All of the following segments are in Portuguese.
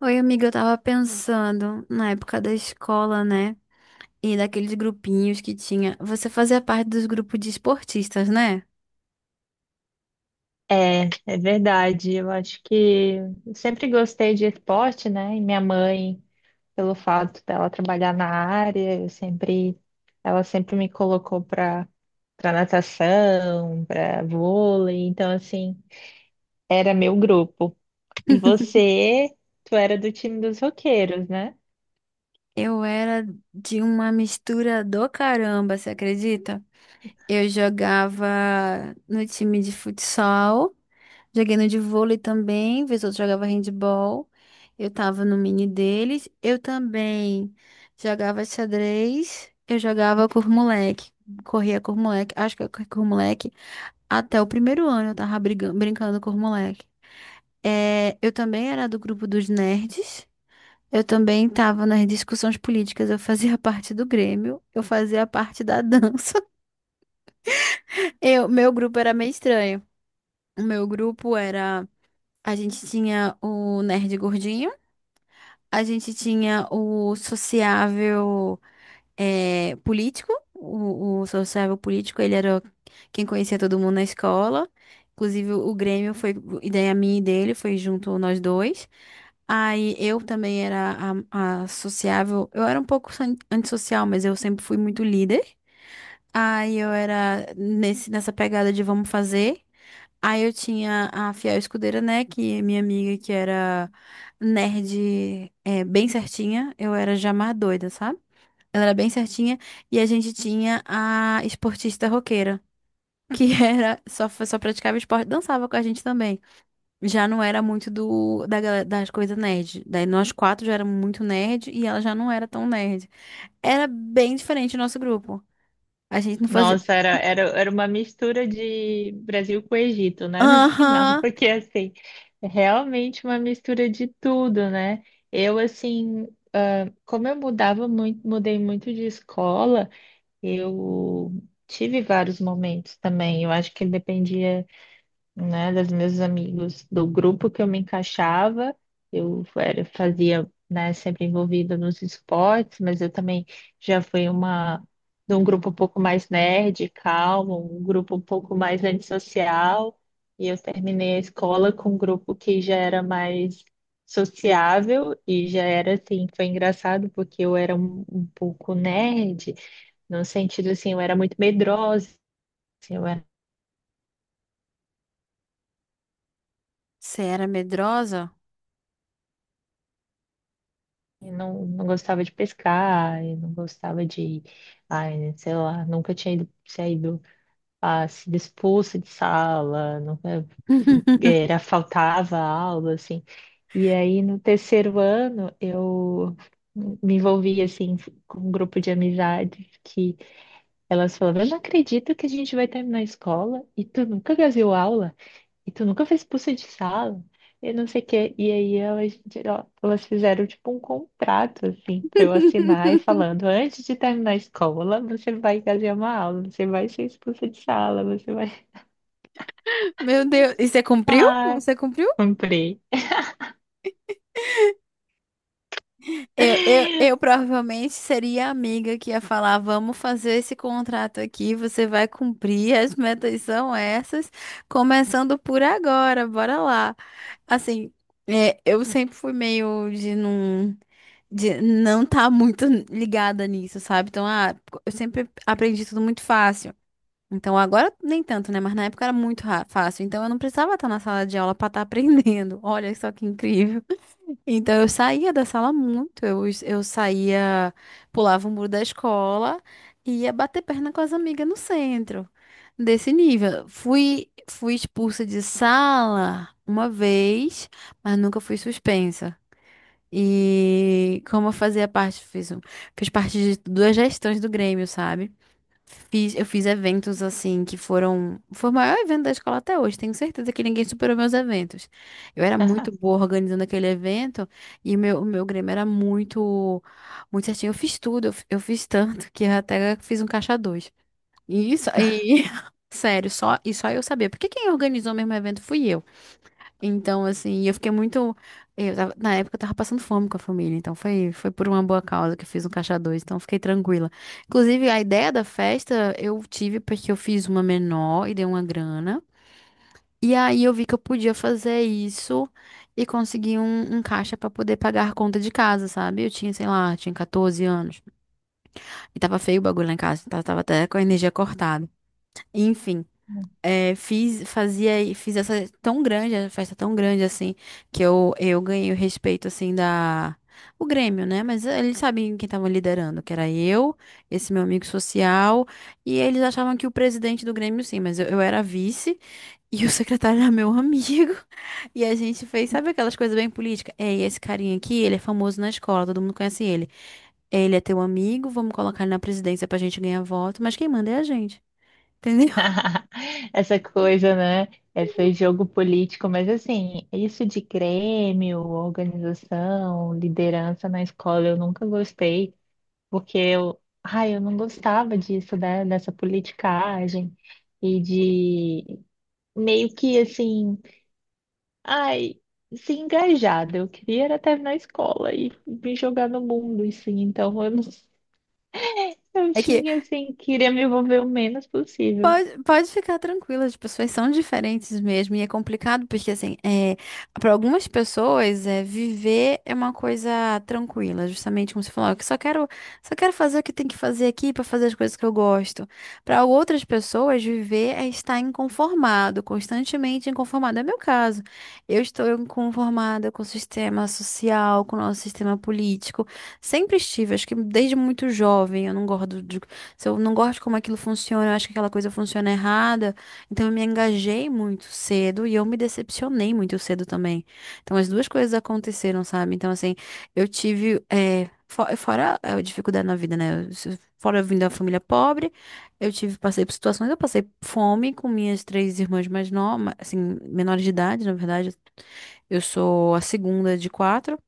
Oi, amiga, eu tava pensando na época da escola, né? E daqueles grupinhos que tinha. Você fazia parte dos grupos de esportistas, né? É, verdade. Eu acho que eu sempre gostei de esporte, né? E minha mãe, pelo fato dela trabalhar na área, ela sempre me colocou para natação, para vôlei. Então, assim, era meu grupo. E você, tu era do time dos roqueiros, né? Eu era de uma mistura do caramba, você acredita? Eu jogava no time de futsal, joguei no de vôlei também, vez ou outra jogava handball. Eu tava no mini deles. Eu também jogava xadrez, eu jogava com os moleque, corria com os moleque, acho que eu corri com os moleque. Até o primeiro ano eu tava brigando, brincando com os moleques. É, eu também era do grupo dos nerds. Eu também tava nas discussões políticas. Eu fazia parte do Grêmio. Eu fazia parte da dança. Meu grupo era meio estranho. O meu grupo era. A gente tinha o nerd gordinho. A gente tinha o sociável. É, político, o sociável político, ele era quem conhecia todo mundo na escola. Inclusive, o Grêmio foi ideia minha e dele, foi junto nós dois. Aí eu também era a sociável. Eu era um pouco antissocial, mas eu sempre fui muito líder. Aí eu era nessa pegada de vamos fazer. Aí eu tinha a fiel escudeira, né? Que é minha amiga, que era nerd, é, bem certinha. Eu era já mais doida, sabe? Ela era bem certinha. E a gente tinha a esportista roqueira, que era só praticava esporte, dançava com a gente também. Já não era muito do da, gala- das coisas nerd. Daí nós quatro já éramos muito nerd e ela já não era tão nerd. Era bem diferente o nosso grupo. A gente não fazia. Nossa, era uma mistura de Brasil com Egito, né? No final, Aham! porque assim, é realmente uma mistura de tudo, né? Eu assim, como eu mudava muito, mudei muito de escola, eu tive vários momentos também. Eu acho que dependia, né, dos meus amigos, do grupo que eu me encaixava. Né, sempre envolvida nos esportes, mas eu também já fui uma de um grupo um pouco mais nerd, calmo, um grupo um pouco mais antissocial, e eu terminei a escola com um grupo que já era mais sociável e já era assim. Foi engraçado porque eu era um pouco nerd, no sentido assim, eu era muito medrosa, assim, eu era. Você era medrosa? E não gostava de pescar, e não gostava de, ai, sei lá, nunca tinha ido, saído, ah, sido expulsa de sala, nunca, faltava aula, assim. E aí, no terceiro ano, eu me envolvi, assim, com um grupo de amizades que elas falavam: eu não acredito que a gente vai terminar a escola e tu nunca deu aula. E tu nunca fez expulsa de sala? E não sei o quê. E aí elas, ó, elas fizeram tipo um contrato, assim, pra eu assinar e falando: antes de terminar a escola, você vai fazer uma aula, você vai ser expulsa de sala, você vai. Meu Deus. E você cumpriu? Ah, Você cumpriu? comprei. Eu provavelmente seria a amiga que ia falar: vamos fazer esse contrato aqui, você vai cumprir, as metas são essas, começando por agora, bora lá. Assim, é, eu sempre fui meio de não tá muito ligada nisso, sabe? Então, ah, eu sempre aprendi tudo muito fácil. Então, agora nem tanto, né? Mas na época era muito fácil. Então, eu não precisava estar na sala de aula para estar aprendendo. Olha só que incrível. Então eu saía da sala muito, eu saía, pulava o muro da escola e ia bater perna com as amigas no centro, desse nível. Fui expulsa de sala uma vez, mas nunca fui suspensa. E como eu fazia parte, fiz parte de duas gestões do Grêmio, sabe? Eu fiz eventos assim que foram. Foi o maior evento da escola até hoje. Tenho certeza que ninguém superou meus eventos. Eu era muito boa organizando aquele evento e o meu Grêmio era muito certinho. Eu fiz tudo, eu eu fiz tanto que eu até fiz um caixa dois. E isso, e sério, e só eu sabia. Porque quem organizou mesmo o evento fui eu. Então, assim, eu fiquei muito. Na época eu tava passando fome com a família, então foi por uma boa causa que eu fiz um caixa dois, então eu fiquei tranquila. Inclusive, a ideia da festa eu tive porque eu fiz uma menor e dei uma grana. E aí eu vi que eu podia fazer isso e conseguir um caixa pra poder pagar a conta de casa, sabe? Eu tinha, sei lá, tinha 14 anos. E tava feio o bagulho lá em casa, tava até com a energia cortada. Enfim. É, fiz essa tão grande, a festa tão grande assim, que eu ganhei o respeito assim da o Grêmio, né? Mas eles sabiam quem tava liderando, que era eu, esse meu amigo social, e eles achavam que o presidente do Grêmio sim, mas eu era vice e o secretário era meu amigo. E a gente fez, sabe aquelas coisas bem políticas? É, e esse carinha aqui, ele é famoso na escola, todo mundo conhece ele. Ele é teu amigo, vamos colocar ele na presidência pra gente ganhar voto, mas quem manda é a gente, entendeu? Essa coisa, né? Esse jogo político, mas assim, isso de Grêmio, organização, liderança na escola, eu nunca gostei. Porque eu, ai, eu não gostava disso, né? Dessa politicagem e de meio que assim, ai, se engajada. Eu queria era terminar a escola e me jogar no mundo, assim. Então eu não, eu É que tinha assim, queria me envolver o menos possível. Pode ficar tranquila, as pessoas são diferentes mesmo, e é complicado porque, assim, é, para algumas pessoas, é, viver é uma coisa tranquila, justamente como você falou, "Ah, só quero fazer o que tem que fazer aqui para fazer as coisas que eu gosto. Para outras pessoas, viver é estar inconformado, constantemente inconformado. É meu caso, eu estou inconformada com o sistema social, com o nosso sistema político, sempre estive, acho que desde muito jovem, eu não gosto de se eu não gosto de como aquilo funciona, eu acho que aquela coisa funciona errada. Então eu me engajei muito cedo e eu me decepcionei muito cedo também. Então as duas coisas aconteceram, sabe? Então, assim, eu tive. Fora a dificuldade na vida, né? Eu se- Fora eu vim da família pobre, passei por situações, eu passei fome com minhas três irmãs mais novas, assim, menores de idade, na verdade. Eu sou a segunda de quatro.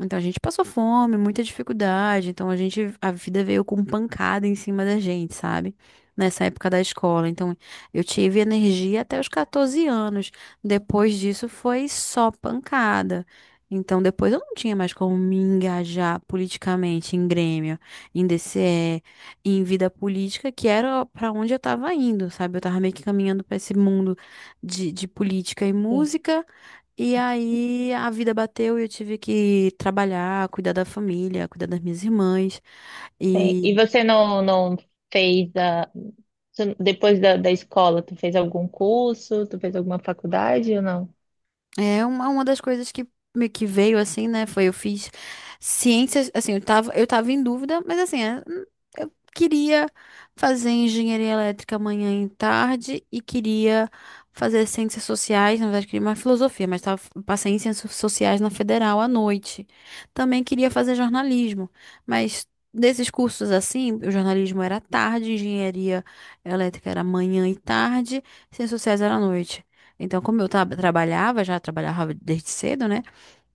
Então a gente passou fome, muita dificuldade, então a gente, a vida veio com pancada em cima da gente, sabe? Nessa época da escola. Então eu tive energia até os 14 anos. Depois disso foi só pancada. Então depois eu não tinha mais como me engajar politicamente em Grêmio, em DCE, em vida política, que era pra onde eu tava indo, sabe? Eu tava meio que caminhando pra esse mundo de política e Sim. música. E aí a vida bateu e eu tive que trabalhar, cuidar da família, cuidar das minhas irmãs. Sim. E você não fez a, depois da, da escola, tu fez algum curso, tu fez alguma faculdade ou não? É uma das coisas que que veio assim, né? Foi eu fiz ciências, assim, eu tava em dúvida, mas assim, é, eu queria fazer engenharia elétrica amanhã e tarde e queria fazer ciências sociais, na verdade, queria mais filosofia, mas tava, passei em ciências sociais na federal à noite. Também queria fazer jornalismo, mas desses cursos assim, o jornalismo era à tarde, engenharia elétrica era manhã e tarde, ciências sociais era à noite. Então, como eu trabalhava, já trabalhava desde cedo, né?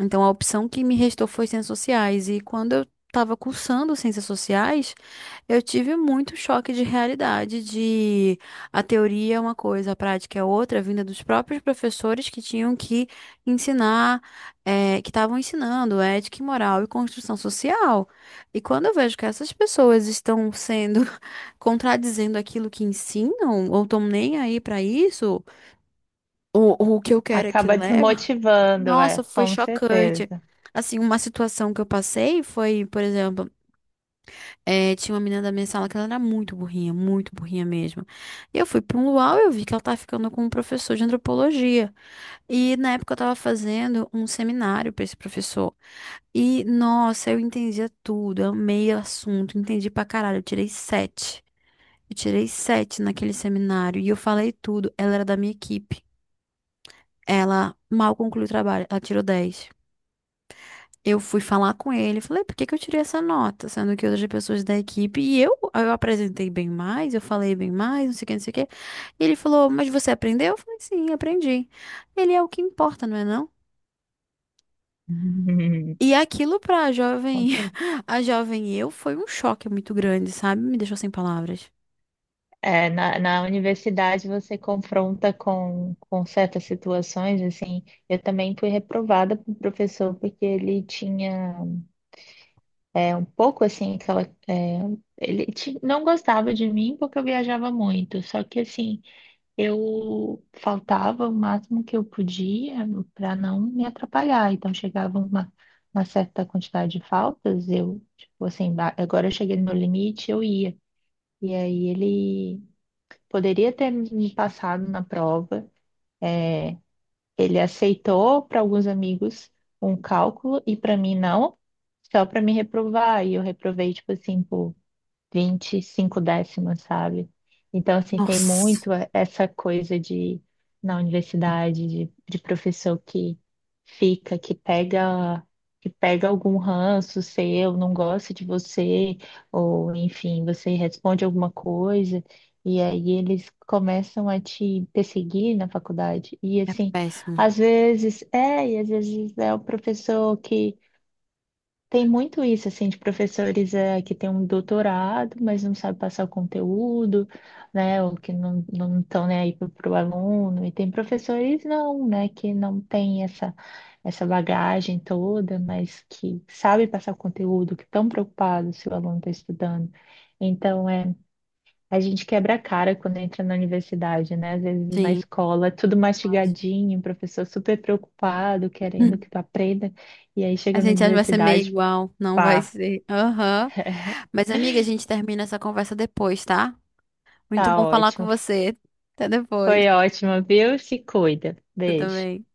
Então, a opção que me restou foi ciências sociais. E quando eu estava cursando ciências sociais, eu tive muito choque de realidade, de a teoria é uma coisa, a prática é outra, vinda dos próprios professores que tinham que ensinar, que estavam ensinando ética e moral e construção social. E quando eu vejo que essas pessoas estão sendo contradizendo aquilo que ensinam, ou estão nem aí para isso o que eu quero é que Acaba leva. desmotivando, é, Nossa, foi com chocante. certeza. Assim, uma situação que eu passei foi, por exemplo, tinha uma menina da minha sala que ela era muito burrinha mesmo. E eu fui para um luau e eu vi que ela tava ficando com um professor de antropologia. E na época eu tava fazendo um seminário para esse professor. E, nossa, eu entendia tudo, eu amei o assunto, entendi pra caralho, eu tirei sete. Eu tirei sete naquele seminário e eu falei tudo. Ela era da minha equipe. Ela mal concluiu o trabalho, ela tirou dez. Eu fui falar com ele, falei, por que que eu tirei essa nota? Sendo que outras pessoas da equipe, e eu apresentei bem mais, eu falei bem mais, não sei o que, não sei o que. Ele falou, mas você aprendeu? Eu falei, sim, aprendi. Ele é o que importa, não é não? Hum, E aquilo pra jovem, complicado. a jovem eu, foi um choque muito grande, sabe? Me deixou sem palavras. É, na, na universidade você confronta com certas situações, assim, eu também fui reprovada por professor porque ele tinha um pouco, assim, aquela, é, não gostava de mim porque eu viajava muito, só que, assim, eu faltava o máximo que eu podia para não me atrapalhar, então chegava uma certa quantidade de faltas, eu, tipo, assim, agora eu cheguei no meu limite, eu ia. E aí ele poderia ter me passado na prova. Ele aceitou para alguns amigos um cálculo e para mim não, só para me reprovar. E eu reprovei, tipo assim, por 25 décimos, sabe? Então, assim, tem Nossa, muito essa coisa de, na universidade, de professor que fica, que pega algum ranço seu, não gosta de você, ou enfim, você responde alguma coisa, e aí eles começam a te perseguir na faculdade. E é assim, péssimo. E às vezes é o professor que tem muito isso, assim, de professores que têm um doutorado, mas não sabem passar o conteúdo, né, ou que não estão nem aí para o aluno. E tem professores não, né, que não têm essa, essa bagagem toda, mas que sabem passar o conteúdo, que estão preocupados se o aluno está estudando. Então, é, a gente quebra a cara quando entra na universidade, né? Às vezes na Sim. escola, tudo Mas- mastigadinho, o professor super preocupado, querendo que tu aprenda, e aí A chega na gente acha que vai ser meio universidade. igual, não vai Pá, ser. Aham. Mas, amiga, a gente termina essa conversa depois, tá? Muito tá bom falar com ótimo. você. Até depois. Foi ótimo, viu? Se cuida. Você Beijo. também.